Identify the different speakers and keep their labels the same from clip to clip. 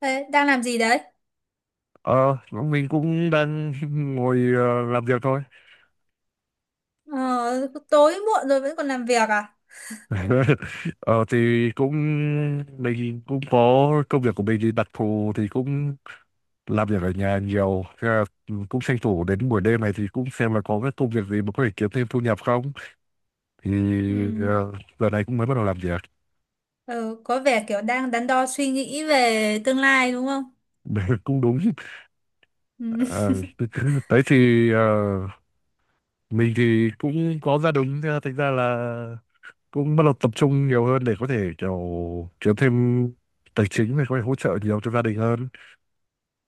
Speaker 1: Thế đang làm gì đấy?
Speaker 2: Ờ, mình cũng đang ngồi làm việc thôi.
Speaker 1: Ờ, tối muộn rồi vẫn còn làm việc à?
Speaker 2: Ờ, thì cũng Mình cũng có công việc của mình thì đặc thù thì cũng làm việc ở nhà nhiều. Thế là cũng tranh thủ đến buổi đêm này thì cũng xem là có cái công việc gì mà có thể kiếm thêm thu nhập không. Thì
Speaker 1: Ừ.
Speaker 2: ờ, Giờ này cũng mới bắt đầu làm việc.
Speaker 1: Ờ, có vẻ kiểu đang đắn đo suy nghĩ về tương lai đúng không?
Speaker 2: Cũng đúng.
Speaker 1: Ừ.
Speaker 2: Ờ, Đấy thì mình thì cũng có gia đình, thế là thành ra là cũng bắt đầu tập trung nhiều hơn để có thể kiểu kiếm thêm tài chính để có thể hỗ trợ nhiều cho gia đình hơn.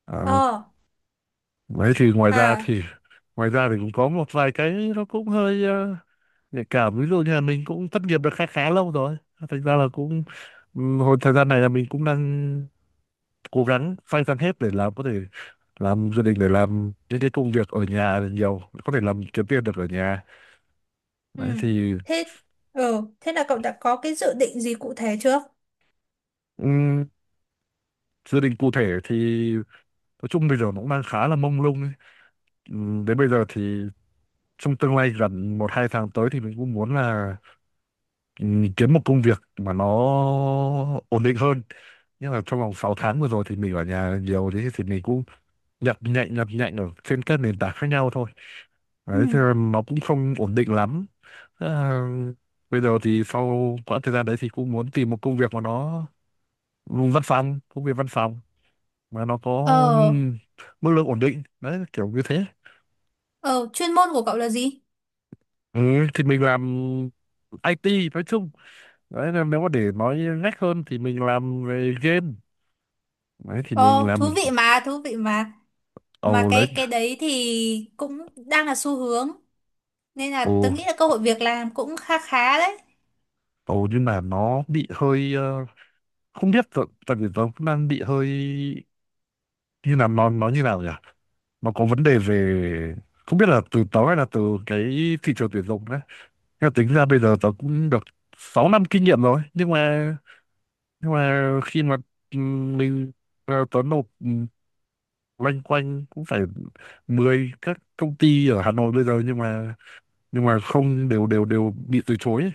Speaker 2: à,
Speaker 1: Ờ,
Speaker 2: Đấy thì
Speaker 1: à,
Speaker 2: ngoài ra thì cũng có một vài cái nó cũng hơi nhạy cảm, ví dụ như là mình cũng thất nghiệp được khá khá lâu rồi, thành ra là cũng hồi thời gian này là mình cũng đang cố gắng phanh phanh hết để làm có thể làm gia đình để làm những cái công việc ở nhà nhiều có thể làm kiếm tiền được ở nhà.
Speaker 1: ừ.
Speaker 2: Đấy thì
Speaker 1: Thế, ờ, thế là cậu đã có cái dự định gì cụ thể chưa?
Speaker 2: ừm, gia đình cụ thể thì nói chung bây giờ nó cũng đang khá là mông lung ấy. Ừ, đến bây giờ thì trong tương lai gần 1-2 tháng tới thì mình cũng muốn là ừ, kiếm một công việc mà nó ổn định hơn. Nhưng mà trong vòng 6 tháng vừa rồi thì mình ở nhà nhiều, thế thì mình cũng nhập nhạnh ở trên các nền tảng khác nhau thôi.
Speaker 1: Ừ.
Speaker 2: Đấy, thì nó cũng không ổn định lắm. À, Bây giờ thì sau quãng thời gian đấy thì cũng muốn tìm một công việc mà nó văn phòng, công việc văn phòng mà nó có
Speaker 1: Ờ,
Speaker 2: ừm, mức lương ổn định. Đấy, kiểu như thế.
Speaker 1: ờ, chuyên môn của cậu là gì?
Speaker 2: Ừ, thì mình làm IT nói chung, đấy nên nếu mà để nói ngách hơn thì mình làm về game. Đấy thì mình
Speaker 1: Ờ,
Speaker 2: làm.
Speaker 1: thú vị mà, thú vị mà. Mà
Speaker 2: Ồ đấy.
Speaker 1: cái đấy thì cũng đang là xu hướng. Nên là
Speaker 2: Ồ.
Speaker 1: tớ nghĩ là cơ hội việc làm cũng khá khá đấy.
Speaker 2: Ồ, nhưng mà nó bị hơi không biết tại tại vì nó cũng đang bị hơi như là nó như nào nhỉ, nó có vấn đề về không biết là từ tớ hay là từ cái thị trường tuyển dụng đấy. Nhưng mà tính ra bây giờ tớ cũng được 6 năm kinh nghiệm rồi, nhưng mà khi mà mình tớ nộp loanh quanh cũng phải 10 các công ty ở Hà Nội bây giờ, nhưng mà không đều đều đều bị từ chối ấy.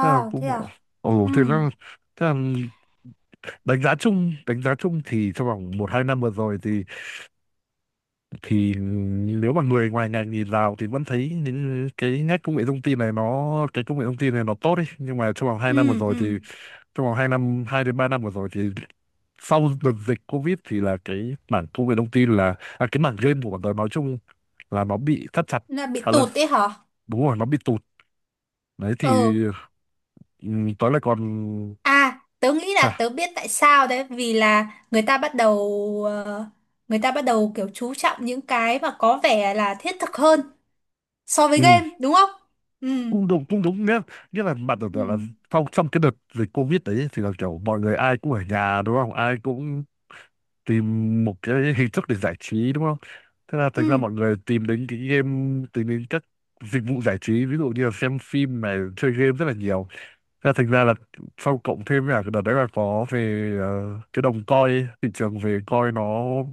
Speaker 2: Thế là cũng
Speaker 1: thế à?
Speaker 2: bảo, ồ
Speaker 1: Ừ,
Speaker 2: thế là đánh giá chung thì trong vòng 1-2 năm vừa rồi thì thì nếu mà người ngoài ngành nhìn vào thì vẫn thấy những cái nét công nghệ thông tin này, nó cái công nghệ thông tin này nó tốt ấy. Nhưng mà
Speaker 1: ừ, ừ.
Speaker 2: trong vòng 2 năm, 2-3 năm vừa rồi thì sau đợt dịch Covid thì là cái mảng công nghệ thông tin là cái mảng game của bọn tôi nói chung là nó bị thắt chặt
Speaker 1: Là bị
Speaker 2: khá là.
Speaker 1: tụt ấy hả?
Speaker 2: Đúng rồi, nó bị tụt. Đấy thì
Speaker 1: Ừ.
Speaker 2: ừ, tôi lại còn.
Speaker 1: À, tớ nghĩ
Speaker 2: À,
Speaker 1: là tớ biết tại sao đấy, vì là người ta bắt đầu ờ, người ta bắt đầu kiểu chú trọng những cái mà có vẻ là thiết thực hơn so với
Speaker 2: ừ,
Speaker 1: game đúng không? Ừ,
Speaker 2: cũng đúng nhé, nghĩa là bạn tưởng
Speaker 1: ừ,
Speaker 2: tượng là sau trong cái đợt dịch Covid đấy thì là kiểu mọi người ai cũng ở nhà đúng không, ai cũng tìm một cái hình thức để giải trí đúng không. Thế là
Speaker 1: ừ,
Speaker 2: thành ra mọi người tìm đến cái game, tìm đến các dịch vụ giải trí, ví dụ như là xem phim này, chơi game rất là nhiều. Thế là thành ra là sau cộng thêm là cái đợt đấy là có về cái đồng coin, thị trường về coin nó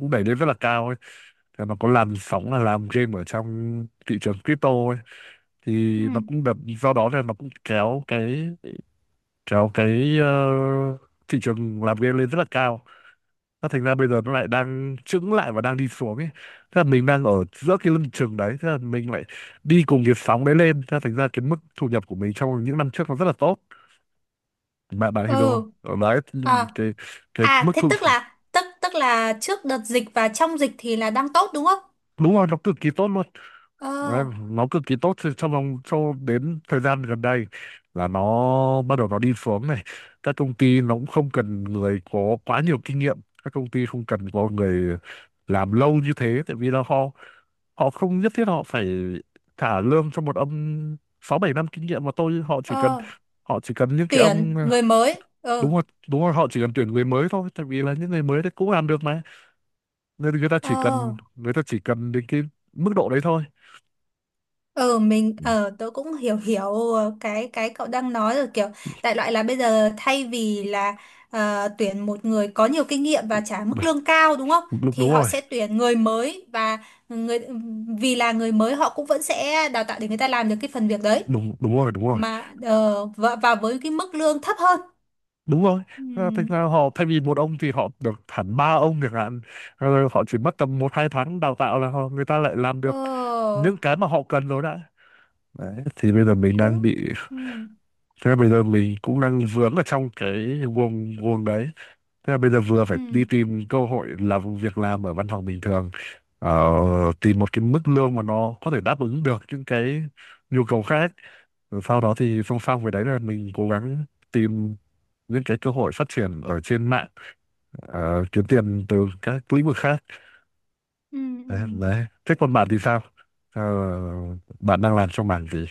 Speaker 2: cũng đẩy lên rất là cao ấy. Thì nó có làn sóng là làm game ở trong thị trường crypto ấy, thì
Speaker 1: ừ,
Speaker 2: nó cũng được do đó nên nó cũng kéo cái thị trường làm game lên rất là cao. Nó thành ra bây giờ nó lại đang chững lại và đang đi xuống ấy. Thế là mình đang ở giữa cái lưng chừng đấy, thế là mình lại đi cùng cái sóng đấy lên, thế là thành ra cái mức thu nhập của mình trong những năm trước nó rất là tốt. Bạn bạn hiểu đúng không
Speaker 1: ừ,
Speaker 2: ở đấy.
Speaker 1: à,
Speaker 2: Cái cái
Speaker 1: à,
Speaker 2: mức
Speaker 1: thế
Speaker 2: thu.
Speaker 1: tức là trước đợt dịch và trong dịch thì là đang tốt đúng không?
Speaker 2: Đúng rồi, nó cực kỳ tốt luôn. Đấy,
Speaker 1: Ờ,
Speaker 2: nó cực kỳ tốt cho vòng cho đến thời gian gần đây là nó bắt đầu nó đi xuống này. Các công ty nó cũng không cần người có quá nhiều kinh nghiệm, các công ty không cần có người làm lâu như thế, tại vì là họ họ không nhất thiết họ phải trả lương cho một ông 6-7 năm kinh nghiệm mà tôi. Họ chỉ cần
Speaker 1: ờ,
Speaker 2: họ chỉ cần những cái ông.
Speaker 1: tuyển người mới.
Speaker 2: Đúng
Speaker 1: Ờ,
Speaker 2: rồi, đúng rồi, họ chỉ cần tuyển người mới thôi, tại vì là những người mới đấy cũng làm được mà, nên
Speaker 1: ờ.
Speaker 2: người ta chỉ cần đến cái mức độ đấy thôi.
Speaker 1: Ờ, mình
Speaker 2: Ừ.
Speaker 1: ờ tớ cũng hiểu hiểu cái cậu đang nói rồi, kiểu đại loại là bây giờ thay vì là tuyển một người có nhiều kinh nghiệm và trả mức lương cao đúng không?
Speaker 2: Đúng,
Speaker 1: Thì
Speaker 2: đúng
Speaker 1: họ
Speaker 2: rồi.
Speaker 1: sẽ tuyển người mới, và người vì là người mới họ cũng vẫn sẽ đào tạo để người ta làm được cái phần việc đấy,
Speaker 2: Đúng, đúng rồi. Đúng rồi,
Speaker 1: và với cái mức lương thấp hơn.
Speaker 2: đúng rồi.
Speaker 1: Ừ.
Speaker 2: Thực ra họ thay vì một ông thì họ được hẳn ba ông chẳng hạn, rồi họ chỉ mất tầm 1-2 tháng đào tạo là họ người ta lại làm được
Speaker 1: Ờ,
Speaker 2: những cái mà họ cần rồi đã. Đấy thì bây giờ mình đang
Speaker 1: cũng
Speaker 2: bị,
Speaker 1: ừ,
Speaker 2: thế là bây giờ mình cũng đang vướng ở trong cái guồng guồng đấy. Thế là bây giờ vừa
Speaker 1: ừ,
Speaker 2: phải đi tìm cơ hội làm, việc làm ở văn phòng bình thường, ờ, tìm một cái mức lương mà nó có thể đáp ứng được những cái nhu cầu khác. Rồi sau đó thì song song với đấy là mình cố gắng tìm những cái cơ hội phát triển ở trên mạng, kiếm tiền từ các lĩnh vực khác.
Speaker 1: ừ, ừ.
Speaker 2: Đấy, đấy. Thế còn bạn thì sao? Ờ, Bạn đang làm trong mảng gì?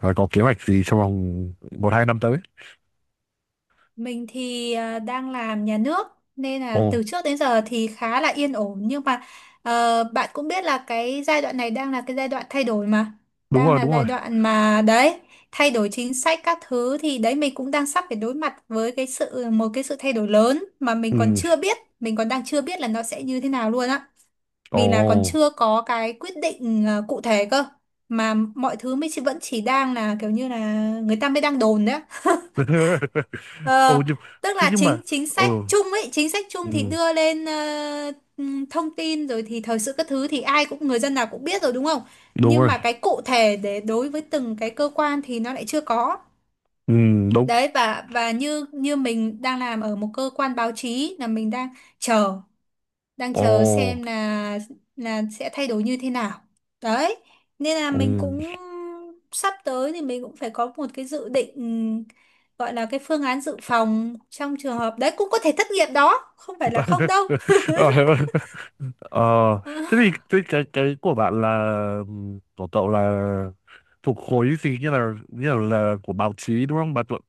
Speaker 2: Và có kế hoạch gì trong vòng 1-2 năm tới?
Speaker 1: Mình thì à, đang làm nhà nước, nên
Speaker 2: Ồ,
Speaker 1: là từ trước đến giờ thì khá là yên ổn, nhưng mà ờ, bạn cũng biết là cái giai đoạn này đang là cái giai đoạn thay đổi mà,
Speaker 2: đúng
Speaker 1: đang
Speaker 2: rồi,
Speaker 1: là
Speaker 2: đúng
Speaker 1: giai
Speaker 2: rồi.
Speaker 1: đoạn mà đấy, thay đổi chính sách các thứ, thì đấy mình cũng đang sắp phải đối mặt với cái sự một cái sự thay đổi lớn mà mình còn
Speaker 2: Ừ,
Speaker 1: chưa biết mình còn đang chưa biết là nó sẽ như thế nào luôn á,
Speaker 2: ồ.
Speaker 1: vì là còn chưa có cái quyết định ờ, cụ thể cơ, mà mọi thứ mới chỉ vẫn chỉ đang là kiểu như là người ta mới đang đồn đấy á. Ờ,
Speaker 2: Ồ, nhưng,
Speaker 1: tức
Speaker 2: thế
Speaker 1: là
Speaker 2: nhưng mà,
Speaker 1: chính chính
Speaker 2: ừ,
Speaker 1: sách chung ấy, chính sách chung thì
Speaker 2: ừ,
Speaker 1: đưa lên thông tin rồi thì thời sự các thứ thì ai cũng, người dân nào cũng biết rồi đúng không?
Speaker 2: đúng
Speaker 1: Nhưng
Speaker 2: rồi,
Speaker 1: mà cái cụ thể để đối với từng cái cơ quan thì nó lại chưa có.
Speaker 2: ừ, đúng.
Speaker 1: Đấy, và như như mình đang làm ở một cơ quan báo chí, là mình chờ đang
Speaker 2: Ồ,
Speaker 1: chờ xem là sẽ thay đổi như thế nào, đấy, nên là
Speaker 2: ừ.
Speaker 1: mình cũng sắp tới thì mình cũng phải có một cái dự định, gọi là cái phương án dự phòng trong trường hợp đấy cũng có thể thất nghiệp, đó không phải là không đâu.
Speaker 2: Ờ, Ờ,
Speaker 1: Ờ,
Speaker 2: thế thì cái của bạn là của cậu là thuộc khối gì, như là là của báo chí đúng không? Bạn thuộc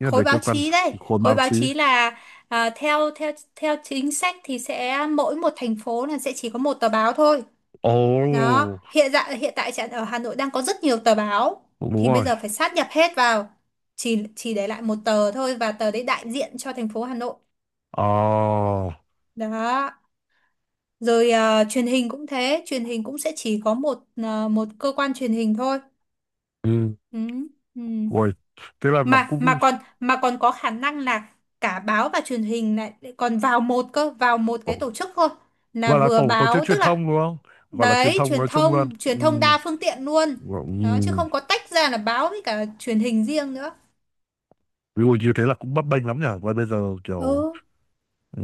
Speaker 2: như là
Speaker 1: khối
Speaker 2: về cơ
Speaker 1: báo
Speaker 2: quan
Speaker 1: chí đây
Speaker 2: thì khối
Speaker 1: khối
Speaker 2: báo
Speaker 1: báo
Speaker 2: chí.
Speaker 1: chí là à, theo theo theo chính sách thì sẽ mỗi một thành phố là sẽ chỉ có một tờ báo thôi.
Speaker 2: Ồ,
Speaker 1: Đó, hiện tại ở Hà Nội đang có rất nhiều tờ báo,
Speaker 2: đúng
Speaker 1: thì bây
Speaker 2: rồi.
Speaker 1: giờ phải sát nhập hết vào, chỉ để lại một tờ thôi và tờ đấy đại diện cho thành phố Hà Nội.
Speaker 2: Ồ,
Speaker 1: Đó. Rồi ờ, truyền hình cũng thế, truyền hình cũng sẽ chỉ có một ờ, một cơ quan truyền hình thôi.
Speaker 2: ừ,
Speaker 1: Ừ. Ừ.
Speaker 2: rồi. Thế là nó
Speaker 1: Mà mà
Speaker 2: cũng.
Speaker 1: còn mà còn có khả năng là cả báo và truyền hình lại lại còn vào một cái
Speaker 2: Ồ,
Speaker 1: tổ chức thôi. Là
Speaker 2: gọi là
Speaker 1: vừa
Speaker 2: tổ tổ chức
Speaker 1: báo, tức
Speaker 2: truyền
Speaker 1: là
Speaker 2: thông đúng không? Và là truyền
Speaker 1: đấy,
Speaker 2: thông
Speaker 1: truyền
Speaker 2: nói chung luôn.
Speaker 1: thông
Speaker 2: Ừ,
Speaker 1: truyền thông đa phương tiện luôn, đó, chứ
Speaker 2: ừ.
Speaker 1: không có tách ra là báo với cả truyền hình riêng nữa.
Speaker 2: Ví dụ như thế là cũng bấp bênh lắm nhỉ. Và bây giờ
Speaker 1: Ừ.
Speaker 2: kiểu ừ.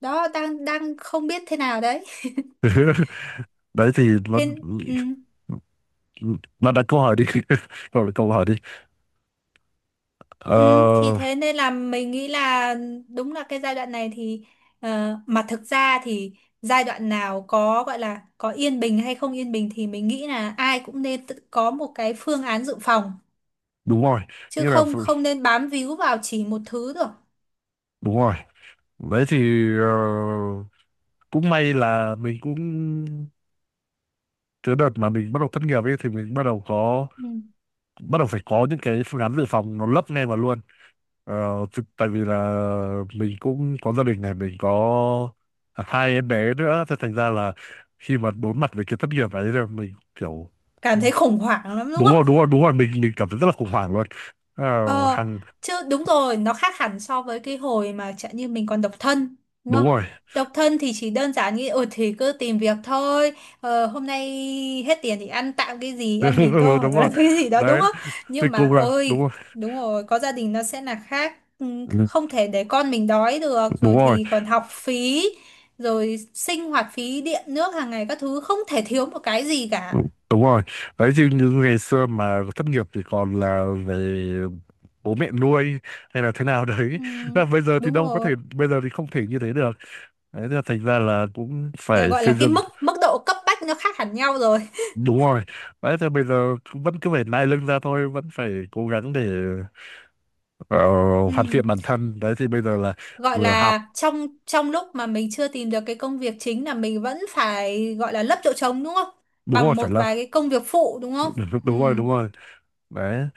Speaker 1: Đó, đang đang không biết thế nào đấy.
Speaker 2: Đấy thì nó
Speaker 1: Thế ừ,
Speaker 2: nó đặt câu hỏi đi rồi đặt câu hỏi đi.
Speaker 1: ừ, thì
Speaker 2: Ờ,
Speaker 1: thế nên là mình nghĩ là, đúng là cái giai đoạn này thì ờ, mà thực ra thì giai đoạn nào có gọi là có yên bình hay không yên bình thì mình nghĩ là ai cũng nên tự có một cái phương án dự phòng,
Speaker 2: Đúng rồi.
Speaker 1: chứ
Speaker 2: Như là
Speaker 1: không không nên bám víu vào chỉ một thứ được.
Speaker 2: đúng rồi. Đấy thì cũng may là mình cũng cái đợt mà mình bắt đầu thất nghiệp ấy thì mình
Speaker 1: Ừ.
Speaker 2: bắt đầu phải có những cái phương án dự phòng nó lấp ngay vào luôn. Tại vì là mình cũng có gia đình này, mình có hai em bé nữa, thế thành ra là khi mà đối mặt với cái thất nghiệp ấy là mình kiểu.
Speaker 1: Cảm thấy khủng hoảng lắm đúng
Speaker 2: Đúng rồi,
Speaker 1: không?
Speaker 2: đúng rồi, đúng rồi, mình cảm thấy rất là khủng hoảng luôn. Ờ,
Speaker 1: Ờ,
Speaker 2: hàng.
Speaker 1: chứ đúng rồi, nó khác hẳn so với cái hồi mà chẳng như mình còn độc thân, đúng
Speaker 2: Đúng
Speaker 1: không?
Speaker 2: rồi.
Speaker 1: Độc thân thì chỉ đơn giản nghĩ, ừ thì cứ tìm việc thôi, ờ, hôm nay hết tiền thì ăn tạm cái gì, ăn mì
Speaker 2: Ừ,
Speaker 1: tôm
Speaker 2: đúng
Speaker 1: hoặc
Speaker 2: rồi.
Speaker 1: là cái gì đó, đúng
Speaker 2: Đấy
Speaker 1: không?
Speaker 2: thì
Speaker 1: Nhưng mà
Speaker 2: cũng là đúng
Speaker 1: ôi,
Speaker 2: rồi.
Speaker 1: đúng rồi, có gia đình nó sẽ là khác. Ừ,
Speaker 2: Ừ,
Speaker 1: không thể để con mình đói được,
Speaker 2: đúng
Speaker 1: rồi
Speaker 2: rồi.
Speaker 1: thì còn học phí, rồi sinh hoạt phí, điện nước hàng ngày các thứ, không thể thiếu một cái gì cả.
Speaker 2: Đúng, đúng rồi. Đấy chứ như ngày xưa mà thất nghiệp thì còn là về bố mẹ nuôi hay là thế nào đấy,
Speaker 1: Ừ,
Speaker 2: là bây giờ thì
Speaker 1: đúng
Speaker 2: đâu có thể,
Speaker 1: rồi.
Speaker 2: bây giờ thì không thể như thế được. Đấy thế là thành ra là cũng
Speaker 1: Cái
Speaker 2: phải
Speaker 1: gọi là
Speaker 2: xây
Speaker 1: cái
Speaker 2: dựng.
Speaker 1: mức mức độ cấp bách nó khác hẳn nhau rồi.
Speaker 2: Đúng rồi. Đấy thì bây giờ cũng vẫn cứ phải nai lưng ra thôi, vẫn phải cố gắng để ờ, hoàn
Speaker 1: Ừ.
Speaker 2: thiện bản thân. Đấy thì bây giờ là
Speaker 1: Gọi
Speaker 2: vừa học.
Speaker 1: là trong trong lúc mà mình chưa tìm được cái công việc chính là mình vẫn phải gọi là lấp chỗ trống đúng không,
Speaker 2: Đúng rồi,
Speaker 1: bằng
Speaker 2: phải
Speaker 1: một
Speaker 2: là.
Speaker 1: vài cái công việc phụ đúng không. Ừ.
Speaker 2: Đúng rồi, đúng rồi. Đấy.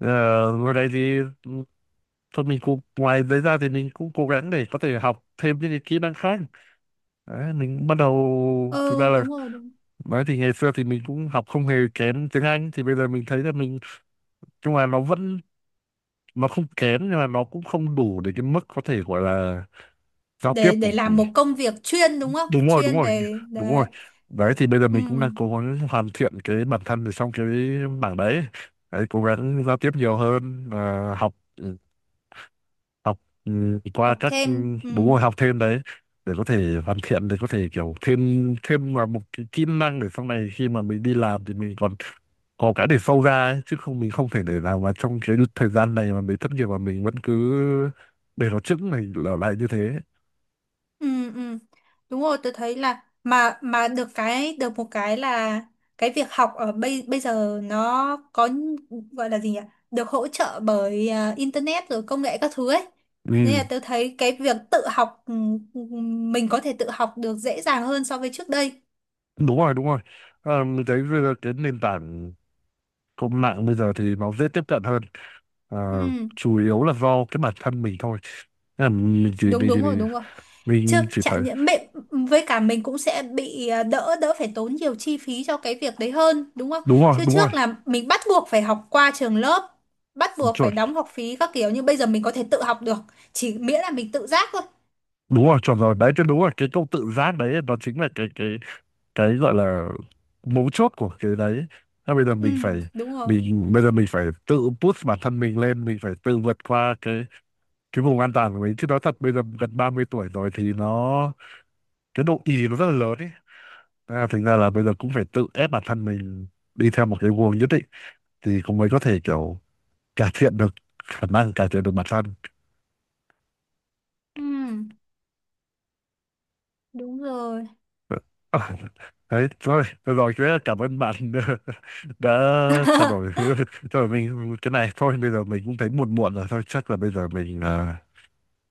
Speaker 2: Ờ, Ngồi đây thì thôi, mình cũng ngoài đấy ra thì mình cũng cố gắng để có thể học thêm những cái kỹ năng khác. Đấy, mình cũng bắt đầu thực ra
Speaker 1: Ừ,
Speaker 2: là
Speaker 1: đúng rồi, đúng.
Speaker 2: nói thì ngày xưa thì mình cũng học không hề kém tiếng Anh, thì bây giờ mình thấy là mình. Nhưng mà nó vẫn, nó không kém, nhưng mà nó cũng không đủ để cái mức có thể gọi là giao tiếp
Speaker 1: để
Speaker 2: của.
Speaker 1: để làm một công việc chuyên đúng không,
Speaker 2: Đúng rồi, đúng
Speaker 1: chuyên
Speaker 2: rồi,
Speaker 1: về
Speaker 2: đúng rồi.
Speaker 1: đấy.
Speaker 2: Đấy thì bây giờ
Speaker 1: Ừ.
Speaker 2: mình cũng đang cố gắng hoàn thiện cái bản thân ở trong cái bảng đấy, đấy, cố gắng giao tiếp nhiều hơn và học học qua
Speaker 1: Học
Speaker 2: các
Speaker 1: thêm, ừ.
Speaker 2: bốn môn học thêm. Đấy để có thể hoàn thiện, để có thể kiểu thêm thêm vào một cái kỹ năng, để sau này khi mà mình đi làm thì mình còn có cái để sâu ra ấy. Chứ không mình không thể để nào mà trong cái thời gian này mà mình thất nghiệp mà mình vẫn cứ để nó chững này ở lại như thế.
Speaker 1: Ừ, ừ. Đúng rồi, tôi thấy là, mà được cái, được một cái là cái việc học ở bây bây giờ nó có, gọi là gì nhỉ? Được hỗ trợ bởi à, internet rồi công nghệ các thứ ấy. Nên
Speaker 2: Ừ,
Speaker 1: là tôi thấy cái việc tự học ừ, ừ, mình có thể tự học được dễ dàng hơn so với trước đây.
Speaker 2: đúng rồi, đúng rồi. Mình thấy bây giờ cái nền tảng công mạng bây giờ thì nó dễ tiếp cận hơn. à,
Speaker 1: Ừ,
Speaker 2: Chủ yếu là do cái bản thân mình thôi. Thế là
Speaker 1: đúng đúng rồi, đúng rồi. Chứ
Speaker 2: mình chỉ thấy.
Speaker 1: chẳng những mẹ với cả mình cũng sẽ bị à, đỡ đỡ phải tốn nhiều chi phí cho cái việc đấy hơn đúng không.
Speaker 2: Đúng rồi,
Speaker 1: Chứ
Speaker 2: đúng rồi,
Speaker 1: trước là mình bắt buộc phải học qua trường lớp, bắt buộc phải
Speaker 2: chuẩn.
Speaker 1: đóng học phí các kiểu, nhưng bây giờ mình có thể tự học được, chỉ miễn là mình tự giác thôi.
Speaker 2: Đúng rồi, chuẩn rồi. Đấy cái đúng là cái câu tự giác đấy, nó chính là cái gọi là mấu chốt của cái đấy. Thế bây giờ
Speaker 1: Ừ,
Speaker 2: mình phải.
Speaker 1: đúng rồi.
Speaker 2: Bây giờ mình phải tự push bản thân mình lên, mình phải tự vượt qua cái vùng an toàn của mình. Chứ nói thật bây giờ gần 30 tuổi rồi thì nó cái độ ì nó rất là lớn ấy. Thế là thành ra là bây giờ cũng phải tự ép bản thân mình đi theo một cái guồng nhất định, thì cũng mới có thể kiểu cải thiện được khả năng, cải thiện được bản thân.
Speaker 1: Ừ, đúng rồi.
Speaker 2: Ờ, Đấy, thôi, được rồi, chú rất cảm ơn bạn đã trao đổi cho mình cái này. Thôi, bây giờ mình cũng thấy muộn muộn rồi. Thôi, chắc là bây giờ mình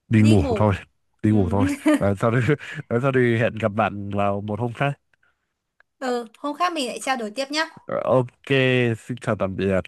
Speaker 2: đi
Speaker 1: Đi
Speaker 2: ngủ
Speaker 1: ngủ.
Speaker 2: thôi. Đi
Speaker 1: Ừ.
Speaker 2: ngủ thôi. À, sau đó, sau đó thì hẹn gặp bạn vào một hôm khác.
Speaker 1: Ừ, hôm khác mình lại trao đổi tiếp nhá.
Speaker 2: Ờ, Ok, xin chào tạm biệt.